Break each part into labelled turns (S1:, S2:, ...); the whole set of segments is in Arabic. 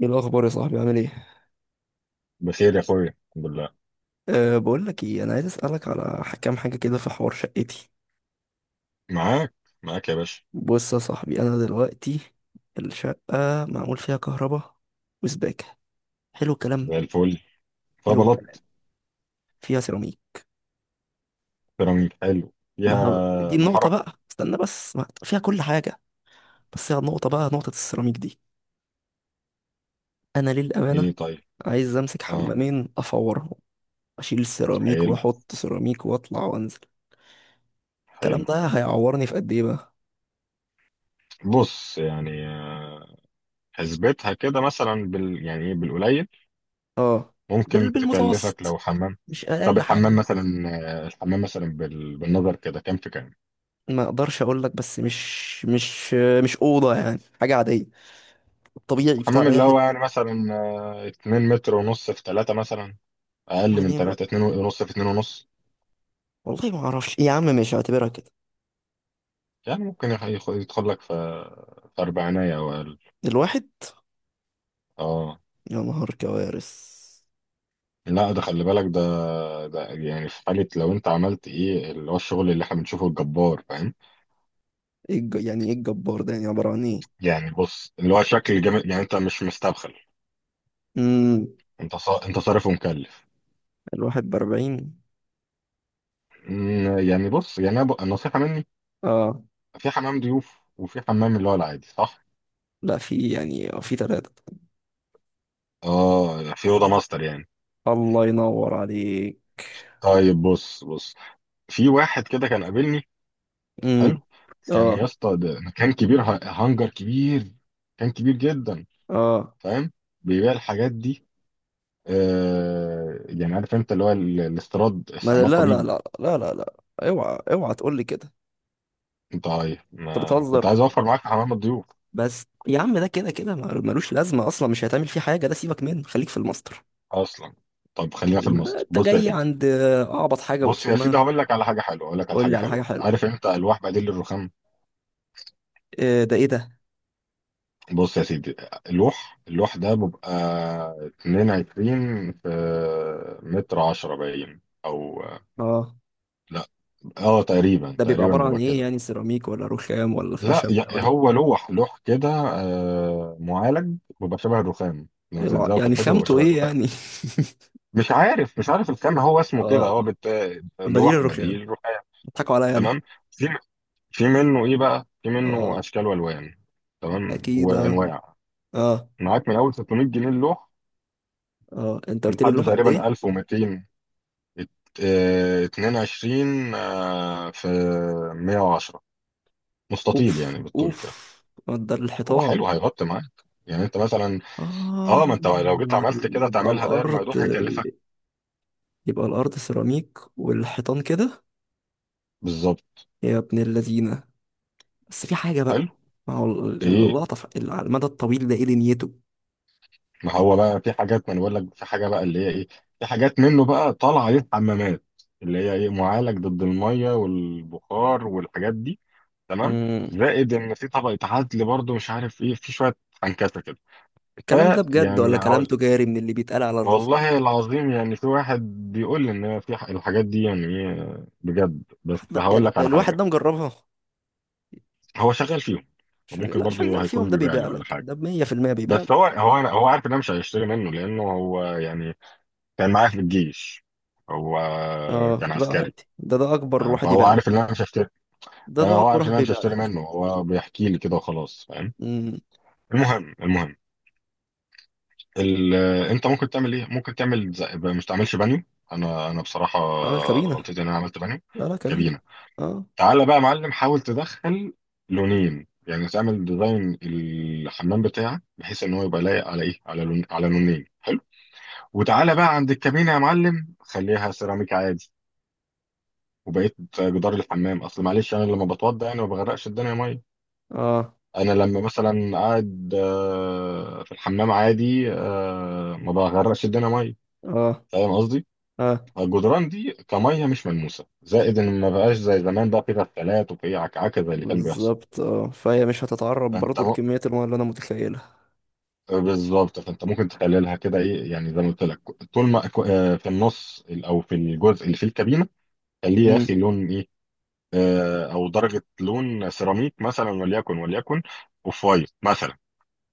S1: ايه الاخبار يا صاحبي؟ عامل ايه؟
S2: بخير يا اخويا، الحمد لله.
S1: أه، بقول لك ايه، انا عايز اسالك على كام حاجه كده في حوار شقتي.
S2: معاك. معاك يا باشا.
S1: بص يا صاحبي، انا دلوقتي الشقه معمول فيها كهرباء وسباكه. حلو الكلام.
S2: زي الفل.
S1: حلو الكلام.
S2: فبلط.
S1: فيها سيراميك.
S2: بيراميد حلو
S1: ما هب... دي
S2: فيها.
S1: النقطه
S2: محرة.
S1: بقى، استنى بس، ما... فيها كل حاجه. بس هي النقطه بقى، نقطه السيراميك دي، انا للامانه
S2: ايه طيب.
S1: عايز امسك
S2: اه.
S1: حمامين افورهم، اشيل السيراميك
S2: حلو.
S1: واحط سيراميك واطلع وانزل. الكلام
S2: حلو.
S1: ده هيعورني في قد ايه بقى؟
S2: بص يعني، حسبتها كده مثلا بال يعني ايه بالقليل.
S1: اه.
S2: ممكن تكلفك
S1: بالمتوسط،
S2: لو حمام.
S1: مش
S2: طب
S1: اقل
S2: الحمام
S1: حاجه.
S2: مثلا. الحمام مثلا بال... بالنظر كده كام في كام.
S1: ما اقدرش اقول لك، بس مش مش اوضه يعني، حاجه عاديه، الطبيعي
S2: الحمام
S1: بتاع اي
S2: اللي هو
S1: حته.
S2: يعني مثلا، 2 متر ونص في 3 مثلا. اقل من
S1: يعني ما-
S2: 3، 2 ونص في 2 ونص.
S1: والله ما اعرفش يا عم، مش هعتبرها كده.
S2: يعني ممكن يدخل لك في أربعينية أو أقل.
S1: الواحد؟
S2: اه.
S1: يا نهار كوارث.
S2: لا ده خلي بالك، ده ده يعني في حالة لو انت عملت ايه اللي هو الشغل اللي احنا بنشوفه الجبار، فاهم.
S1: يعني ايه الجبار ده؟ يعني عباره عن ايه؟
S2: يعني بص اللي هو شكل جامد، يعني انت مش مستبخل.
S1: امم
S2: انت صارف ومكلف.
S1: الواحد بأربعين؟
S2: يعني بص، يعني النصيحة مني.
S1: اه.
S2: في حمام ضيوف وفي حمام اللي هو العادي، صح.
S1: لا، في يعني في ثلاثة.
S2: اه في أوضة ماستر يعني.
S1: الله ينور عليك.
S2: طيب بص. في واحد كده كان قابلني.
S1: امم
S2: حلو. كان يا
S1: اه.
S2: اسطى، ده مكان كبير، هانجر كبير. كان كبير جدا.
S1: اه.
S2: فاهم. بيبيع الحاجات دي. يعني عارف انت اللي هو الاستيراد
S1: ما لا
S2: استعمال
S1: لا
S2: طبيب.
S1: لا لا لا لا، اوعى اوعى تقول لي كده.
S2: انت عايز،
S1: انت
S2: ما كنت عايز
S1: بتهزر.
S2: اوفر معاك في حمام الضيوف
S1: بس يا عم، ده كده كده ملوش لازمه اصلا، مش هيتعمل فيه حاجه، ده سيبك منه، خليك في الماستر.
S2: اصلا. طب خلينا
S1: يعني
S2: في
S1: ما
S2: المصري.
S1: انت
S2: بص يا
S1: جاي
S2: سيدي.
S1: عند اعبط حاجه
S2: بص يا سيدي،
S1: وتشمها.
S2: هقول لك على حاجه حلوه، هقول لك على
S1: قول لي
S2: حاجه
S1: على حاجه
S2: حلوه.
S1: حلوه.
S2: عارف انت الواح بديل الرخام.
S1: إيه ده؟ ايه ده؟
S2: بص يا سيدي. اللوح ده بيبقى 22 في متر 10 باين او.
S1: اه.
S2: لا. اه، تقريبا
S1: ده بيبقى
S2: تقريبا
S1: عباره عن
S2: بيبقى
S1: ايه
S2: كده.
S1: يعني، سيراميك ولا رخام ولا
S2: لا
S1: خشب ده،
S2: يعني
S1: ولا؟
S2: هو لوح كده، معالج، بيبقى شبه الرخام. لما تلزقه في
S1: يعني
S2: الحيطه بيبقى
S1: خامته
S2: شبه
S1: ايه
S2: الرخام.
S1: يعني؟
S2: مش عارف الكم هو اسمه كده،
S1: اه. بديل
S2: لوح
S1: الرخام.
S2: بديل رقاق.
S1: بيضحكوا عليا
S2: تمام.
S1: انا.
S2: في في منه ايه بقى، في
S1: اه.
S2: منه اشكال والوان. تمام،
S1: اكيد اه.
S2: وانواع.
S1: اه.
S2: معاك من اول 600 جنيه اللوح
S1: اه، انت قلت لي
S2: لحد
S1: اللوحه قد
S2: تقريبا
S1: ايه؟
S2: 1200. ات- اه، 22 في 110. مستطيل
S1: اوف
S2: يعني بالطول
S1: اوف،
S2: كده.
S1: مقدار
S2: هو
S1: الحيطان.
S2: حلو، هيغطي معاك يعني انت مثلا.
S1: اه.
S2: اه، ما انت لو جيت عملت كده
S1: يبقى
S2: تعملها داير
S1: الارض؟
S2: مفتوح هيكلفك.
S1: إيه؟ يبقى الأرض سيراميك والحيطان كده؟
S2: بالظبط.
S1: يا ابن اللذينة. بس في حاجة بقى،
S2: حلو.
S1: ما هو
S2: ايه.
S1: اللقطة على المدى الطويل ده، ايه دنيته؟
S2: ما هو بقى في حاجات، ما انا بقول لك في حاجه بقى اللي هي ايه. في حاجات منه بقى طالعه ليه حمامات، اللي هي ايه، معالج ضد الميه والبخار والحاجات دي. تمام.
S1: مم.
S2: زائد ان في طبقه عزل برضه، مش عارف ايه، في شويه عنكسه كده.
S1: الكلام ده بجد
S2: فيعني
S1: ولا كلام
S2: هقول
S1: تجاري من اللي بيتقال على الرصيف؟
S2: والله العظيم يعني في واحد بيقول لي ان في الحاجات دي يعني ايه بجد، بس
S1: حد
S2: هقول
S1: يعني
S2: لك على
S1: الواحد
S2: حاجه.
S1: ده مجربها؟
S2: هو شغال فيهم.
S1: شغال؟
S2: وممكن
S1: لا
S2: برضه
S1: شغال فيهم،
S2: هيكون
S1: ده
S2: بيبيع
S1: بيبيع
S2: لي ولا
S1: لك،
S2: حاجه،
S1: ده 100% بيبيع لك.
S2: بس هو عارف ان انا مش هيشتري منه، لانه هو يعني كان معايا في الجيش. هو
S1: اه،
S2: كان
S1: ده
S2: عسكري.
S1: عادي، ده ده اكبر
S2: فاهم؟
S1: واحد
S2: فهو
S1: يبيع
S2: عارف ان
S1: لك.
S2: انا مش هشتري.
S1: ده ده
S2: فهو
S1: اكبر
S2: عارف ان
S1: واحد
S2: انا مش
S1: بيبيع
S2: هشتري
S1: لك.
S2: منه، هو بيحكي لي كده وخلاص. فاهم.
S1: امم
S2: المهم. انت ممكن تعمل ايه، ممكن تعمل زي... مش تعملش بانيو. انا بصراحه
S1: عامل
S2: غلطتي
S1: كابينة.
S2: ان انا عملت بانيو.
S1: لا لا، كابينة.
S2: كابينه.
S1: اه.
S2: تعالى بقى يا معلم، حاول تدخل لونين يعني. تعمل ديزاين الحمام بتاعك بحيث ان هو يبقى لايق على ايه، على لون على لونين حلو. وتعالى بقى عند الكابينه يا معلم، خليها سيراميك عادي. وبقيت جدار الحمام. اصل معلش انا لما بتوضى يعني ما بغرقش الدنيا ميه.
S1: اه.
S2: انا لما مثلا قاعد، في الحمام عادي، ما بغرقش الدنيا ميه.
S1: اه.
S2: فاهم قصدي.
S1: اه.
S2: الجدران دي كميه مش ملموسه، زائد ان ما بقاش زي زمان بقى في غسالات وفي عكعكه زي اللي كان بيحصل.
S1: بالظبط، اه، فهي مش هتتعرض
S2: فانت
S1: برضو
S2: م...
S1: لكمية المياه اللي انا متخيلها.
S2: بالظبط. فانت ممكن تخللها كده ايه، يعني زي ما قلت لك. طول ما في النص او في الجزء اللي فيه الكابينه، خليه يا
S1: امم
S2: اخي لون ايه، او درجه لون سيراميك مثلا، وليكن وليكن اوف وايت مثلا.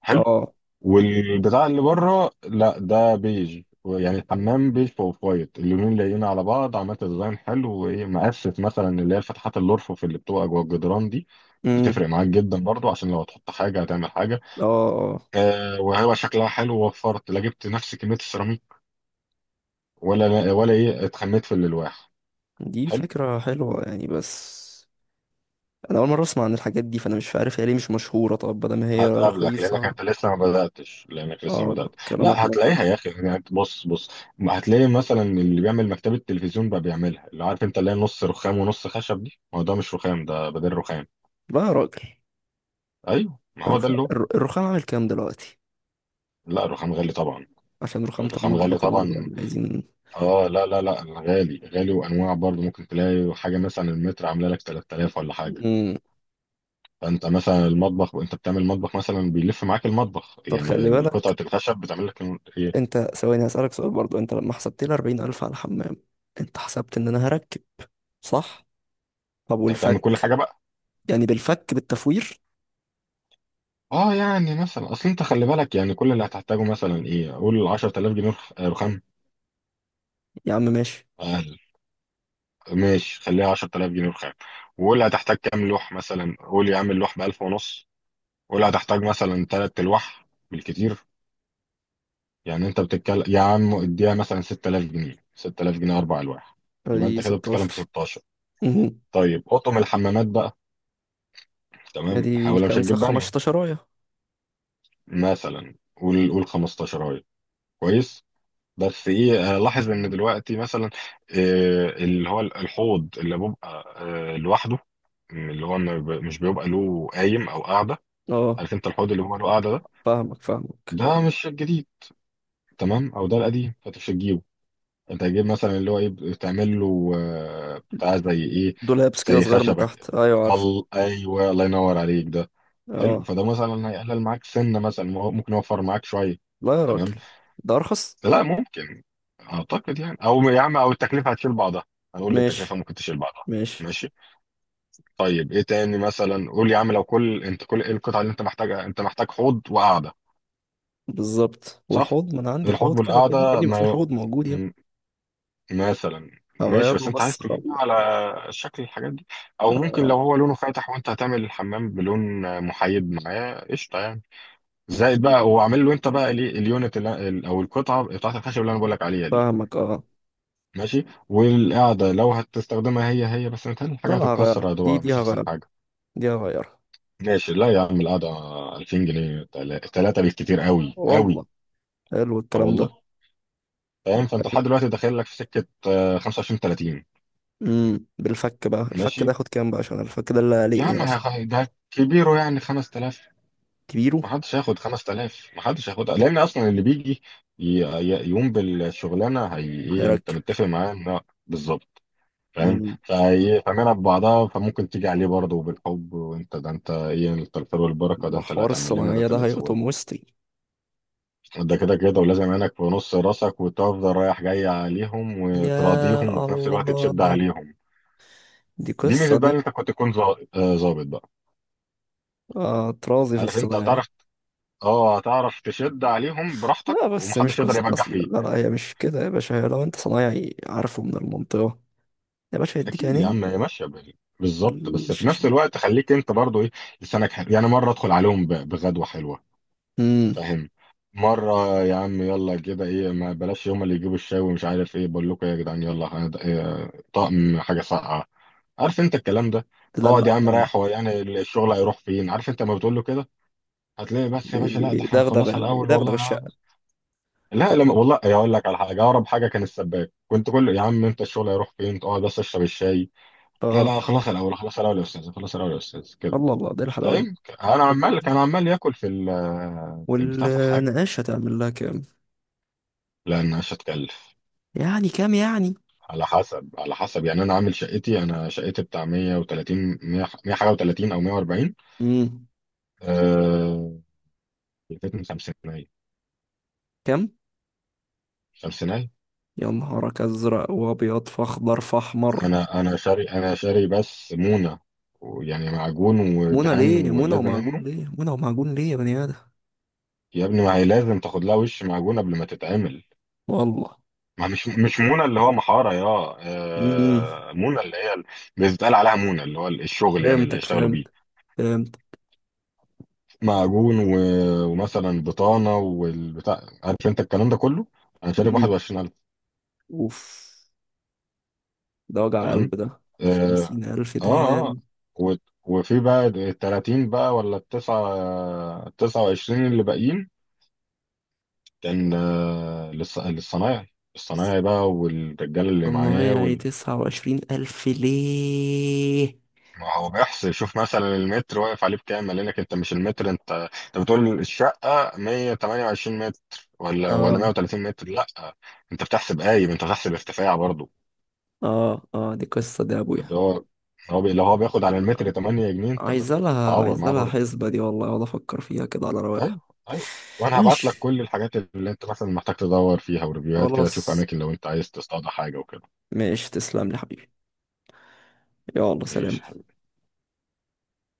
S2: حلو.
S1: اه.
S2: والبتاع اللي بره لا ده بيج، يعني الحمام بيج في اوف وايت، اللونين لايقين على بعض، عملت ديزاين حلو، وايه مقفف مثلا اللي هي الفتحات الارفف اللي بتبقى جوه الجدران دي.
S1: امم
S2: بتفرق معاك جدا برضو، عشان لو هتحط حاجه هتعمل حاجه.
S1: اه. اه.
S2: آه، وهو شكلها حلو ووفرت، لا جبت نفس كميه السيراميك ولا ايه، اتخميت في الالواح.
S1: دي
S2: حلو.
S1: فكرة حلوة يعني، بس انا اول مرة اسمع عن الحاجات دي، فانا مش عارف هي ليه مش مشهورة؟ طب بدل ما هي
S2: هتقابلك لانك
S1: رخيصة.
S2: انت لسه ما بداتش، لانك لسه ما
S1: اه،
S2: بدات.
S1: كلامك
S2: لا
S1: منطقي.
S2: هتلاقيها يا اخي، يعني أنت بص. ما هتلاقي مثلا اللي بيعمل مكتبه تلفزيون بقى بيعملها، اللي عارف انت اللي هي نص رخام ونص خشب دي، ما هو ده مش رخام، ده بدل رخام.
S1: لا يا راجل،
S2: ايوه، ما هو ده
S1: الرخام،
S2: اللي هو.
S1: الرخام عامل كام دلوقتي؟
S2: لا الرخام غالي طبعا.
S1: عشان رخامة
S2: الرخام غالي
S1: المطبخ برضو
S2: طبعا.
S1: يعني عايزين.
S2: اه، لا لا لا، غالي غالي، وانواع برضه ممكن تلاقي حاجه مثلا المتر عامله لك 3000 ولا حاجه.
S1: امم
S2: فانت مثلا المطبخ، وانت بتعمل مطبخ مثلا بيلف معاك المطبخ،
S1: طب خلي
S2: يعني قطعه
S1: بالك،
S2: الخشب بتعمل لك ايه.
S1: انت ثواني هسألك سؤال برضو، انت لما حسبت لي 40000 على الحمام، انت حسبت ان انا هركب، صح؟ طب
S2: انت هتعمل كل
S1: والفك؟
S2: حاجه.
S1: يعني بالفك، بالتفوير.
S2: اه، يعني مثلا اصل انت خلي بالك، يعني كل اللي هتحتاجه مثلا ايه، قول 10000 جنيه رخام.
S1: يا عم ماشي،
S2: اقل، ماشي خليها 10000 جنيه رخام. وقول هتحتاج كام لوح، مثلا قول يا عم اللوح ب 1000 ونص. قول هتحتاج مثلا تلات الواح بالكتير. يعني انت بتتكلم يا عم اديها مثلا 6000 جنيه، 6000 جنيه اربع الواح. يبقى
S1: ادي
S2: انت كده بتتكلم
S1: 16.
S2: في 16.
S1: مهم.
S2: طيب اطقم الحمامات بقى. تمام، احنا
S1: ادي
S2: ولا مش
S1: خمسة،
S2: هنجيب بانيو.
S1: 15 راية.
S2: مثلا قول 15 اهي. كويس. بس ايه، لاحظ ان دلوقتي مثلا، اللي هو الحوض اللي بيبقى لوحده، اللي هو ما بي- مش بيبقى له قايم او قاعده.
S1: اه،
S2: عارف انت الحوض اللي هو له قاعده ده.
S1: فاهمك.
S2: ده مش الجديد. تمام، او ده القديم فانت مش هتجيبه. انت هتجيب مثلا اللي هو ايه، بتعمل له بتاع زي ايه،
S1: دولابس كده
S2: زي
S1: صغير من
S2: خشبه
S1: تحت،
S2: كده.
S1: ايوه عارف.
S2: ايوه الله ينور عليك ده. حلو.
S1: اه.
S2: فده مثلا هيقلل معاك سنه مثلا، ممكن يوفر معاك شويه.
S1: لا يا
S2: تمام،
S1: راجل، ده ارخص.
S2: لا ممكن. اعتقد يعني، او يا عم او التكلفه هتشيل بعضها. هنقول للتكلفه
S1: ماشي.
S2: ممكن تشيل بعضها.
S1: ماشي.
S2: ماشي. طيب ايه تاني، مثلا قول يا عم لو كل انت كل ايه، القطعه اللي انت محتاجها. انت محتاج حوض وقعده.
S1: بالظبط،
S2: صح.
S1: والحوض ما انا عندي
S2: الحوض
S1: حوض كده كده يا
S2: والقعده
S1: ابني، ما في
S2: ما،
S1: حوض موجود يا ابني.
S2: م- مثلا. ماشي، بس
S1: هغيره
S2: انت
S1: بس
S2: عايز
S1: خلاص.
S2: تجيب بقى على شكل الحاجات دي. او ممكن
S1: آه،
S2: لو هو لونه فاتح وانت هتعمل الحمام بلون محايد معاه قشطه يعني. زائد بقى هو عامل له انت بقى ليه اليونت او القطعه بتاعت الخشب اللي انا بقول لك عليها دي.
S1: فاهمك. اه.
S2: ماشي. والقعدة لو هتستخدمها هي بس، متهيألي
S1: لا
S2: الحاجة
S1: لا، هغير
S2: هتتكسر،
S1: دي،
S2: هتبقى
S1: دي
S2: مش أحسن
S1: هغير،
S2: حاجة.
S1: دي هغير.
S2: ماشي، لا يا عم، القعدة 2000 جنيه، تلاتة بالكتير قوي
S1: والله.
S2: قوي.
S1: حلو
S2: اه
S1: الكلام
S2: والله.
S1: ده.
S2: فاهم، فأنت لحد دلوقتي داخل لك في سكة 25 30.
S1: بالفك بقى، الفك ده
S2: ماشي.
S1: ياخد كام بقى؟ عشان الفك ده اللي
S2: يا
S1: قلقني
S2: عم
S1: اصلا.
S2: ده كبيره يعني 5000.
S1: كبيره؟
S2: ما حدش هياخد 5000، ما حدش هياخدها، لأن أصلا اللي بيجي يقوم بالشغلانة. هي إيه، أنت
S1: هيركب.
S2: متفق معاه إن بالظبط. فاهم،
S1: امم
S2: فايه، فاهمينها ببعضها. فممكن تيجي عليه برضه بالحب، وانت ده انت ايه، انت الخير والبركه، ده
S1: ده
S2: انت اللي
S1: حوار
S2: هتعمل لنا، ده
S1: الصناعية
S2: انت اللي
S1: ده
S2: هتسوي
S1: هيقطم وسطي.
S2: لنا، ده كده كده. ولازم عينك في نص راسك، وتفضل رايح جاي عليهم
S1: يا
S2: وتراضيهم، وفي نفس الوقت تشد
S1: الله،
S2: عليهم.
S1: دي
S2: دي
S1: قصة
S2: ميزه بقى
S1: دي.
S2: ان انت كنت تكون ظابط بقى.
S1: اه، طرازي في
S2: عارف انت،
S1: الصناعية.
S2: هتعرف. اه، هتعرف تشد عليهم براحتك،
S1: لا بس مش
S2: ومحدش يقدر
S1: قصة
S2: يبجح
S1: أصلا،
S2: فيك.
S1: لا لا، هي مش كده يا باشا، هي لو أنت صنايعي عارفه من المنطقة، يا باشا يديك
S2: اكيد يا عم،
S1: عينيه.
S2: هي ماشيه بالظبط. بس في نفس
S1: بالشاشة.
S2: الوقت خليك انت برضه ايه، لسانك حلو يعني. مره ادخل عليهم بغدوه حلوه.
S1: امم
S2: فاهم. مرة يا عم يلا كده ايه، ما بلاش هما اللي يجيبوا الشاي ومش عارف ايه، بقول لكم إيه يا جدعان، يلا إيه، طقم حاجة ساقعة. عارف انت الكلام ده. اقعد
S1: تدلع
S2: يا عم
S1: الكلام.
S2: رايح، هو يعني الشغل هيروح فين، عارف انت لما بتقول له كده. هتلاقي بس يا باشا، لا ده احنا هنخلصها الاول، والله
S1: يدغدغ الشقة.
S2: لا
S1: طب.
S2: لما. والله اقول لك على حاجة، اقرب حاجة كان السباك، كنت كل يا عم انت الشغل هيروح فين، تقعد بس اشرب الشاي. لا،
S1: اه.
S2: لا، خلص الاول، خلص الاول يا استاذ، خلص الاول يا استاذ كده.
S1: الله الله، دي الحلاوة دي.
S2: فاهم. انا
S1: طب
S2: عمال، كان عمال ياكل في في البتاع، في الحاجة.
S1: والنقاش هتعمل لها كام؟
S2: لان مش هتكلف.
S1: يعني كام يعني؟
S2: على حسب، على حسب، يعني انا عامل شقتي، انا شقتي بتاع 130، 100، 100 حاجه و30 او 140.
S1: امم
S2: آه، من خمسينية.
S1: كام؟
S2: خمسينية.
S1: يا نهارك ازرق وابيض فاخضر فاحمر.
S2: انا شاري، انا شاري بس مونه، ويعني معجون
S1: منى
S2: ودهان
S1: ليه يا منى؟
S2: واللازم
S1: ومعجون
S2: منه.
S1: ليه يا منى؟ ومعجون ليه يا بني ادم؟
S2: يا ابني ما هي لازم تاخد لها وش معجون قبل ما تتعمل.
S1: والله.
S2: ما مش مونه اللي هو محاره، يا
S1: امم
S2: آه، مونه اللي هي بيتقال عليها مونه اللي هو الشغل يعني اللي
S1: فهمتك،
S2: هيشتغلوا بيه.
S1: فهمت، فهمت.
S2: معجون و... ومثلا بطانه والبتاع، عارف انت الكلام ده كله. انا شارب
S1: امم
S2: 21000.
S1: اوف. ده وجع
S2: تمام.
S1: قلب، ده
S2: اه.
S1: بخمسين ألف
S2: اه. آه.
S1: دهان.
S2: و... وفي بقى ال 30 بقى، ولا التسعة وعشرين اللي باقيين، كان للصنايعي، الصنايعي بقى والرجال اللي معاه
S1: طنيعي تسعة وعشرين ألف ليه؟
S2: ما هو بيحصل يشوف مثلا المتر واقف عليه بكام، قال لك انت مش المتر انت، انت بتقول الشقه 128 متر، ولا
S1: اه.
S2: 130 متر، لا انت بتحسب قايم، انت بتحسب ارتفاع برضه
S1: اه. اه. دي قصة دي يا أبويا.
S2: اللي هو. لو هو بياخد على المتر 8 جنيه انت
S1: عايز لها،
S2: بتتعور
S1: عايز
S2: معاه
S1: لها
S2: برضه.
S1: حسبة دي، والله أقعد أفكر فيها كده على رواقة.
S2: ايوه. ايوه. وانا هبعت
S1: ماشي.
S2: لك كل الحاجات اللي انت مثلا محتاج تدور فيها وريفيوهات كده، تشوف
S1: خلاص.
S2: اماكن لو انت عايز تصطاد حاجه وكده.
S1: ماشي، تسلم لي حبيبي. يلا سلام.
S2: ماشي.